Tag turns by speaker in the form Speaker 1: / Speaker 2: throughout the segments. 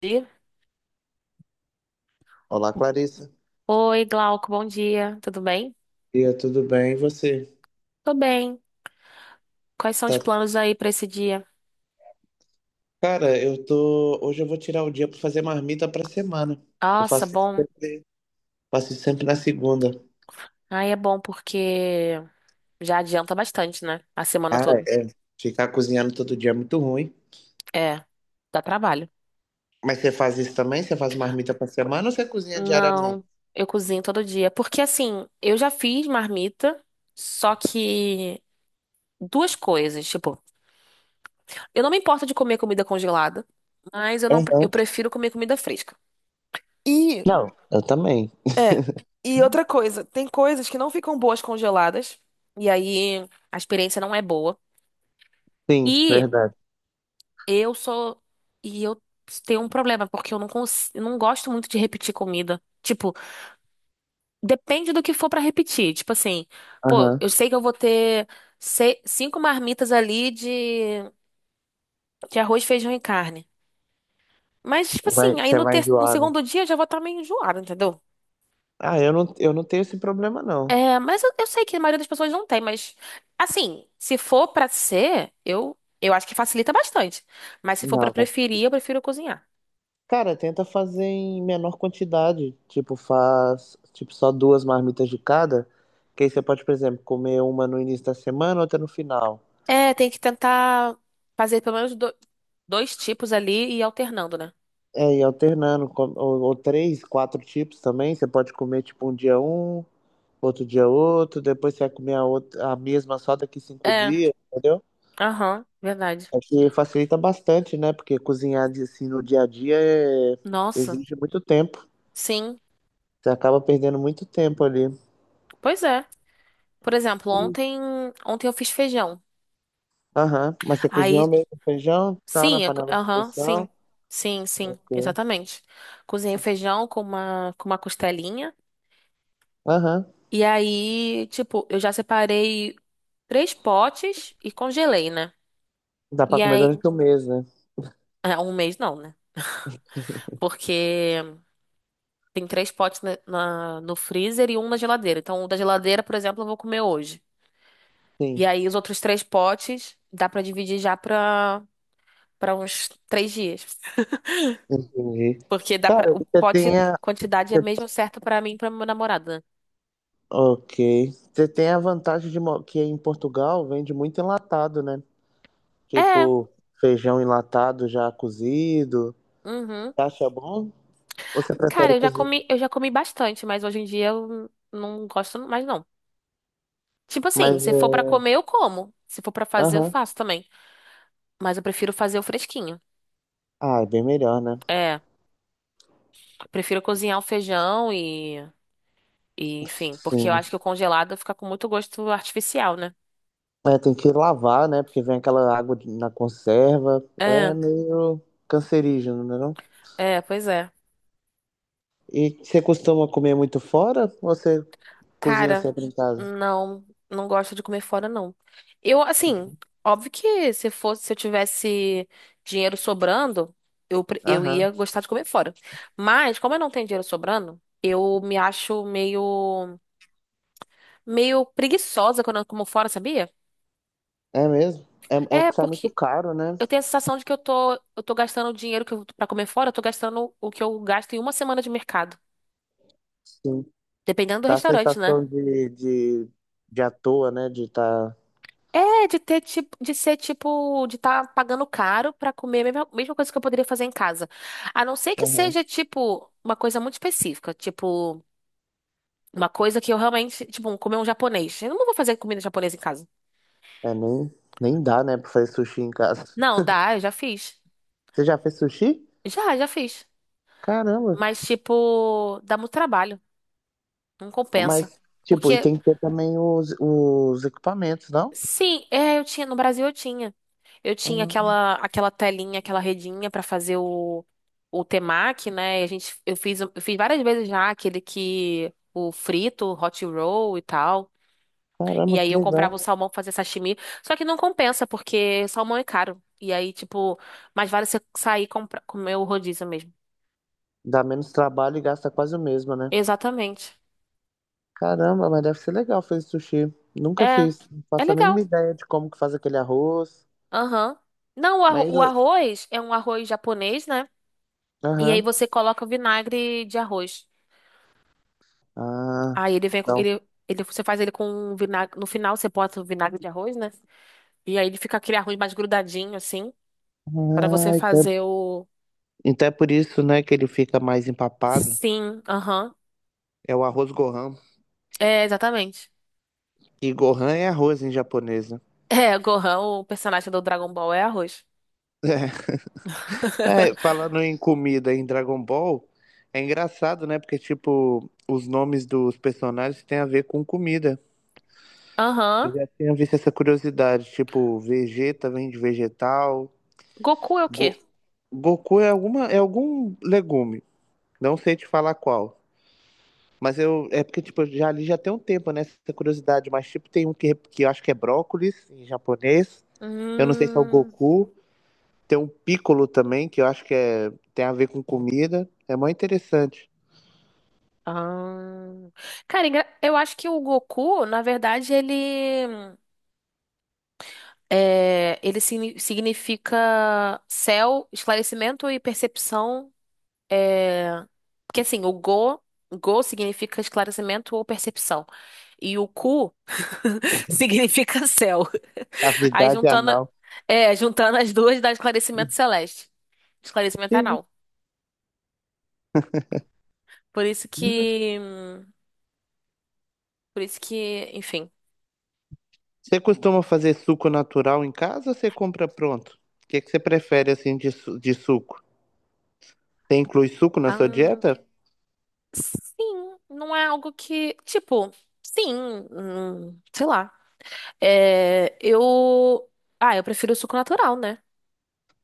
Speaker 1: Dia.
Speaker 2: Olá, Clarissa.
Speaker 1: Oi, Glauco, bom dia. Tudo bem?
Speaker 2: E tudo bem? E você?
Speaker 1: Tô bem. Quais são os
Speaker 2: Tá...
Speaker 1: planos aí pra esse dia?
Speaker 2: Cara, eu tô. Hoje eu vou tirar o dia pra fazer marmita pra semana. Eu
Speaker 1: Nossa, bom.
Speaker 2: faço isso sempre na segunda.
Speaker 1: Aí é bom porque já adianta bastante, né? A semana
Speaker 2: Ah,
Speaker 1: toda.
Speaker 2: é. Ficar cozinhando todo dia é muito ruim.
Speaker 1: É, dá trabalho.
Speaker 2: Mas você faz isso também? Você faz marmita pra semana ou você cozinha diariamente?
Speaker 1: Não, eu cozinho todo dia. Porque assim, eu já fiz marmita, só que duas coisas, tipo, eu não me importo de comer comida congelada, mas eu não, eu
Speaker 2: Uhum.
Speaker 1: prefiro comer comida fresca. E.
Speaker 2: Não, eu também.
Speaker 1: É. E outra coisa, tem coisas que não ficam boas congeladas, e aí a experiência não é boa.
Speaker 2: Sim,
Speaker 1: E
Speaker 2: verdade.
Speaker 1: eu sou. E eu tenho um problema, porque eu não gosto muito de repetir comida. Tipo, depende do que for pra repetir. Tipo assim, pô,
Speaker 2: Aham.
Speaker 1: eu sei que eu vou ter cinco marmitas ali de, arroz, feijão e carne. Mas, tipo
Speaker 2: Vai,
Speaker 1: assim, aí
Speaker 2: você
Speaker 1: no,
Speaker 2: vai
Speaker 1: ter... no
Speaker 2: enjoar, né?
Speaker 1: segundo dia eu já vou estar meio enjoada, entendeu?
Speaker 2: Ah, eu não tenho esse problema, não.
Speaker 1: É, mas eu sei que a maioria das pessoas não tem, mas assim, se for pra ser, eu acho que facilita bastante. Mas se for pra
Speaker 2: Não.
Speaker 1: preferir, eu prefiro cozinhar.
Speaker 2: Cara, tenta fazer em menor quantidade. Tipo, faz, tipo, só duas marmitas de cada. Que aí você pode, por exemplo, comer uma no início da semana, outra no final.
Speaker 1: É, tem que tentar fazer pelo menos dois tipos ali e ir alternando, né?
Speaker 2: É, e alternando, ou três, quatro tipos também. Você pode comer, tipo, um dia um, outro dia outro, depois você vai comer a, outra, a mesma só daqui cinco
Speaker 1: É,
Speaker 2: dias, entendeu?
Speaker 1: aham, verdade.
Speaker 2: É que facilita bastante, né? Porque assim no dia a dia
Speaker 1: Nossa,
Speaker 2: exige muito tempo.
Speaker 1: sim,
Speaker 2: Você acaba perdendo muito tempo ali.
Speaker 1: pois é. Por exemplo, ontem eu fiz feijão.
Speaker 2: Aham. Mas você cozinhou
Speaker 1: Aí,
Speaker 2: mesmo o feijão, tal, na
Speaker 1: sim,
Speaker 2: panela de
Speaker 1: aham,
Speaker 2: pressão?
Speaker 1: sim, sim, sim,
Speaker 2: Ok.
Speaker 1: exatamente. Cozinhei o feijão com uma costelinha.
Speaker 2: Aham.
Speaker 1: E aí, tipo, eu já separei três potes e congelei, né?
Speaker 2: Dá pra
Speaker 1: E
Speaker 2: comer
Speaker 1: aí,
Speaker 2: durante o mês, né?
Speaker 1: é, um mês não, né? Porque tem três potes na, no freezer e um na geladeira. Então, o da geladeira, por exemplo, eu vou comer hoje. E
Speaker 2: Sim,
Speaker 1: aí, os outros três potes dá pra dividir já pra uns três dias.
Speaker 2: entendi.
Speaker 1: Porque dá pra,
Speaker 2: Cara, e
Speaker 1: o
Speaker 2: você
Speaker 1: pote,
Speaker 2: tem a...
Speaker 1: quantidade é mesmo
Speaker 2: você-
Speaker 1: certa pra mim e pra meu namorado, né?
Speaker 2: Ok. Você tem a vantagem de que em Portugal vende muito enlatado, né?
Speaker 1: É,
Speaker 2: Tipo, feijão enlatado já cozido.
Speaker 1: uhum.
Speaker 2: Você acha bom? Ou você
Speaker 1: Cara,
Speaker 2: prefere
Speaker 1: eu já
Speaker 2: cozido?
Speaker 1: comi, eu já comi bastante, mas hoje em dia eu não gosto mais, não. Tipo assim,
Speaker 2: Mas,
Speaker 1: se for pra
Speaker 2: é,
Speaker 1: comer, eu como. Se for pra fazer, eu
Speaker 2: aham.
Speaker 1: faço também. Mas eu prefiro fazer o fresquinho.
Speaker 2: Ah, é bem melhor, né?
Speaker 1: É, prefiro cozinhar o feijão e enfim, porque eu
Speaker 2: Sim.
Speaker 1: acho que o congelado fica com muito gosto artificial, né?
Speaker 2: É, tem que lavar, né? Porque vem aquela água na conserva. É
Speaker 1: É,
Speaker 2: meio cancerígeno, né? Não?
Speaker 1: é, pois é.
Speaker 2: E você costuma comer muito fora ou você cozinha
Speaker 1: Cara,
Speaker 2: sempre em casa?
Speaker 1: não, não gosto de comer fora, não. Eu, assim, óbvio que se fosse, se eu tivesse dinheiro sobrando, eu
Speaker 2: Aham.
Speaker 1: ia gostar de comer fora. Mas, como eu não tenho dinheiro sobrando, eu me acho meio preguiçosa quando eu como fora, sabia?
Speaker 2: É mesmo? É, é
Speaker 1: É,
Speaker 2: que sai muito
Speaker 1: porque
Speaker 2: caro, né?
Speaker 1: eu tenho a sensação de que eu tô gastando o dinheiro que eu, pra comer fora, eu tô gastando o que eu gasto em uma semana de mercado.
Speaker 2: Sim.
Speaker 1: Dependendo do
Speaker 2: Dá a
Speaker 1: restaurante, né?
Speaker 2: sensação de à toa, né? De estar.
Speaker 1: É, de ter tipo, de ser tipo, de estar pagando caro pra comer a mesma, mesma coisa que eu poderia fazer em casa. A não ser que
Speaker 2: Aham.
Speaker 1: seja, tipo, uma coisa muito específica, tipo, uma coisa que eu realmente, tipo, comer um japonês. Eu não vou fazer comida japonesa em casa.
Speaker 2: É, nem dá, né? Pra fazer sushi em casa.
Speaker 1: Não, dá, eu já fiz.
Speaker 2: Você já fez sushi?
Speaker 1: Já, já fiz.
Speaker 2: Caramba.
Speaker 1: Mas, tipo, dá muito trabalho. Não compensa.
Speaker 2: Mas, tipo, e
Speaker 1: Porque,
Speaker 2: tem que ter também os equipamentos, não?
Speaker 1: sim, é, eu tinha, no Brasil eu tinha. Eu tinha
Speaker 2: Ah,
Speaker 1: aquela telinha, aquela redinha pra fazer o temaki, né? E a gente eu fiz várias vezes já aquele que o frito, o hot roll e tal.
Speaker 2: caramba,
Speaker 1: E aí
Speaker 2: que
Speaker 1: eu comprava o
Speaker 2: legal.
Speaker 1: salmão pra fazer sashimi. Só que não compensa porque salmão é caro. E aí, tipo, mais vale você sair e comprar comer o rodízio mesmo.
Speaker 2: Dá menos trabalho e gasta quase o mesmo, né?
Speaker 1: Exatamente.
Speaker 2: Caramba, mas deve ser legal fazer sushi. Nunca
Speaker 1: É.
Speaker 2: fiz. Não
Speaker 1: É
Speaker 2: faço a mínima
Speaker 1: legal.
Speaker 2: ideia de como que faz aquele arroz.
Speaker 1: Aham. Não,
Speaker 2: Mas.
Speaker 1: o
Speaker 2: eu-
Speaker 1: arroz é um arroz japonês, né? E aí
Speaker 2: Aham.
Speaker 1: você coloca o vinagre de arroz.
Speaker 2: Ah,
Speaker 1: Aí ele vem, com-
Speaker 2: não.
Speaker 1: ele, você faz ele com um vinagre. No final você bota o vinagre de arroz, né? E aí ele fica aquele arroz mais grudadinho, assim, pra você
Speaker 2: Ah, então,
Speaker 1: fazer o.
Speaker 2: então é por isso, né, que ele fica mais empapado.
Speaker 1: Sim, aham.
Speaker 2: É o arroz Gohan.
Speaker 1: É, exatamente.
Speaker 2: E Gohan é arroz em japonês, né?
Speaker 1: É, o Gohan, o personagem do Dragon Ball é arroz.
Speaker 2: É, falando em comida em Dragon Ball, é engraçado, né? Porque, tipo, os nomes dos personagens têm a ver com comida.
Speaker 1: Aham.
Speaker 2: Eu já tinha visto essa curiosidade, tipo, Vegeta vem de vegetal,
Speaker 1: Goku é o quê?
Speaker 2: Go- Goku é alguma é algum legume, não sei te falar qual. Mas eu é porque tipo, eu já ali já tem um tempo né, essa curiosidade, mas tipo tem um que eu acho que é brócolis em japonês. Eu não sei se é o
Speaker 1: Hum.
Speaker 2: Goku, tem um piccolo também, que eu acho que é tem a ver com comida. É mó interessante.
Speaker 1: Ah. Cara, eu acho que o Goku, na verdade, ele. É, ele significa céu, esclarecimento e percepção. É, porque assim, o Go, Go significa esclarecimento ou percepção. E o Ku significa céu. Aí
Speaker 2: Cavidade
Speaker 1: juntando,
Speaker 2: anal.
Speaker 1: é, juntando as duas dá esclarecimento celeste. Esclarecimento
Speaker 2: Sim.
Speaker 1: anal. Por isso que. hum, Por isso que, enfim.
Speaker 2: Você costuma fazer suco natural em casa ou você compra pronto? O que que você prefere assim de suco? Você inclui suco na sua
Speaker 1: Ahn,
Speaker 2: dieta?
Speaker 1: sim, não é algo que. Tipo, sim. Sei lá. É, eu. Ah, eu prefiro o suco natural, né?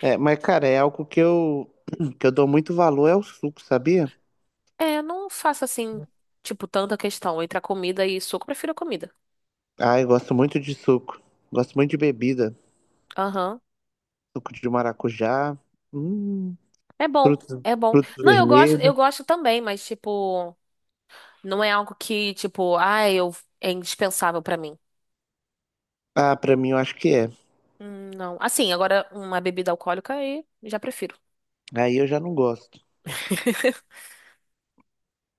Speaker 2: É, mas cara, é algo que eu que eu dou muito valor é o suco, sabia?
Speaker 1: É, eu não faço assim, tipo, tanta questão entre a comida e suco, eu prefiro a comida.
Speaker 2: Ah, eu gosto muito de suco. Gosto muito de bebida.
Speaker 1: Aham.
Speaker 2: Suco de maracujá, hum,
Speaker 1: É bom,
Speaker 2: frutos,
Speaker 1: é bom.
Speaker 2: frutos
Speaker 1: Não, eu gosto,
Speaker 2: vermelhos.
Speaker 1: eu gosto também, mas, tipo, não é algo que, tipo, ah, eu é indispensável pra mim.
Speaker 2: Ah, pra mim eu acho que é.
Speaker 1: Não. Assim, agora uma bebida alcoólica aí já prefiro.
Speaker 2: Aí eu já não gosto. O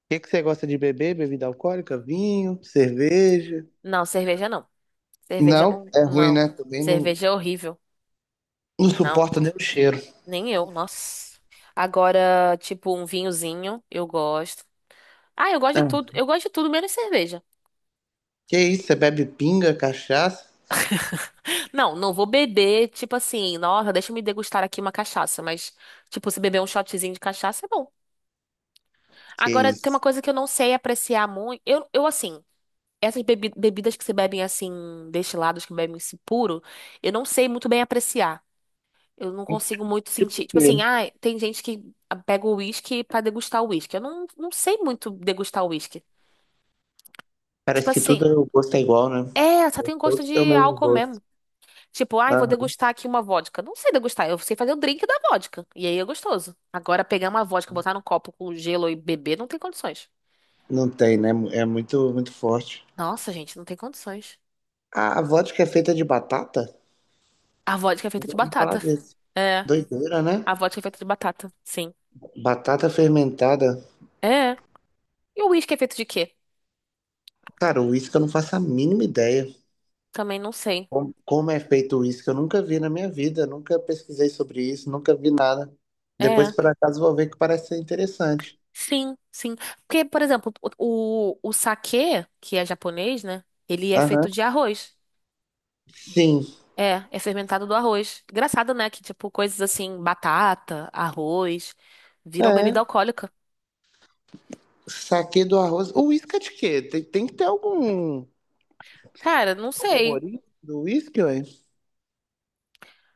Speaker 2: que que você gosta de beber? Bebida alcoólica? Vinho? Cerveja?
Speaker 1: Não, cerveja não. Cerveja
Speaker 2: Não,
Speaker 1: não,
Speaker 2: é ruim,
Speaker 1: não.
Speaker 2: né? Também não,
Speaker 1: Cerveja é horrível.
Speaker 2: não
Speaker 1: Não,
Speaker 2: suporto nem o cheiro.
Speaker 1: nem eu, nossa. Agora, tipo, um vinhozinho, eu gosto. Ah, eu gosto de tudo.
Speaker 2: Ah,
Speaker 1: Eu gosto de tudo menos cerveja.
Speaker 2: que isso? Você bebe pinga, cachaça?
Speaker 1: Não, não vou beber, tipo assim, nossa, deixa eu me degustar aqui uma cachaça, mas, tipo, se beber um shotzinho de cachaça é bom.
Speaker 2: Que
Speaker 1: Agora, tem uma
Speaker 2: isso?
Speaker 1: coisa que eu não sei apreciar muito. Eu assim, essas bebidas que se bebem assim, destilados que bebem esse puro, eu não sei muito bem apreciar. Eu não consigo muito sentir. Tipo assim,
Speaker 2: Sim.
Speaker 1: ah, tem gente que pega o uísque pra degustar o uísque. Eu não sei muito degustar o uísque. Tipo
Speaker 2: Parece que
Speaker 1: assim,
Speaker 2: tudo o gosto é igual, né?
Speaker 1: é, só tem gosto
Speaker 2: Todos têm o
Speaker 1: de
Speaker 2: mesmo
Speaker 1: álcool
Speaker 2: gosto.
Speaker 1: mesmo. Tipo, ai, vou
Speaker 2: Aham.
Speaker 1: degustar aqui uma vodka. Não sei degustar, eu sei fazer o drink da vodka. E aí é gostoso. Agora, pegar uma vodka, botar num copo com gelo e beber, não tem condições.
Speaker 2: Não tem, né? É muito, muito forte.
Speaker 1: Nossa, gente, não tem condições.
Speaker 2: A vodka é feita de batata?
Speaker 1: A vodka é
Speaker 2: Eu
Speaker 1: feita
Speaker 2: já
Speaker 1: de
Speaker 2: ouvi falar
Speaker 1: batata.
Speaker 2: disso.
Speaker 1: É,
Speaker 2: Doideira, né?
Speaker 1: a vodka é feita de batata, sim.
Speaker 2: Batata fermentada.
Speaker 1: É. E o uísque é feito de quê?
Speaker 2: Cara, o uísque eu não faço a mínima ideia.
Speaker 1: Também não sei.
Speaker 2: Como é feito o uísque? Eu nunca vi na minha vida. Nunca pesquisei sobre isso. Nunca vi nada. Depois,
Speaker 1: É.
Speaker 2: por acaso, vou ver que parece ser interessante.
Speaker 1: Sim, sim. Porque, por exemplo, o saquê, que é japonês, né? Ele é feito
Speaker 2: Aham.
Speaker 1: de arroz.
Speaker 2: Sim.
Speaker 1: É, é fermentado do arroz. Engraçado, né? Que, tipo, coisas assim, batata, arroz, viram bebida
Speaker 2: É.
Speaker 1: alcoólica.
Speaker 2: Saquê do arroz. O uísque é de quê? Tem que ter algum,
Speaker 1: Cara, não
Speaker 2: algum
Speaker 1: sei.
Speaker 2: morinho do uísque, ué?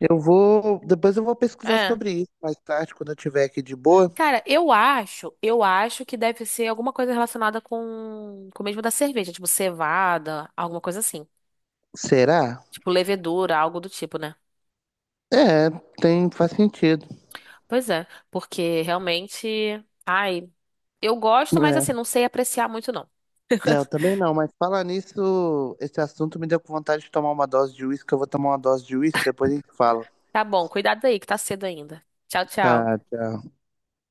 Speaker 2: Eu vou. Depois eu vou pesquisar
Speaker 1: É.
Speaker 2: sobre isso mais tarde, quando eu tiver aqui de boa.
Speaker 1: Cara, eu acho que deve ser alguma coisa relacionada com o mesmo da cerveja, tipo cevada, alguma coisa assim.
Speaker 2: Será?
Speaker 1: Tipo levedura, algo do tipo, né?
Speaker 2: É, tem, faz sentido.
Speaker 1: Pois é, porque realmente, ai, eu gosto, mas
Speaker 2: É.
Speaker 1: assim, não sei apreciar muito não.
Speaker 2: É, eu também não, mas falar nisso, esse assunto me deu com vontade de tomar uma dose de uísque. Eu vou tomar uma dose de uísque, depois a gente fala.
Speaker 1: Tá bom, cuidado aí que tá cedo ainda. Tchau,
Speaker 2: Tá,
Speaker 1: tchau.
Speaker 2: tchau.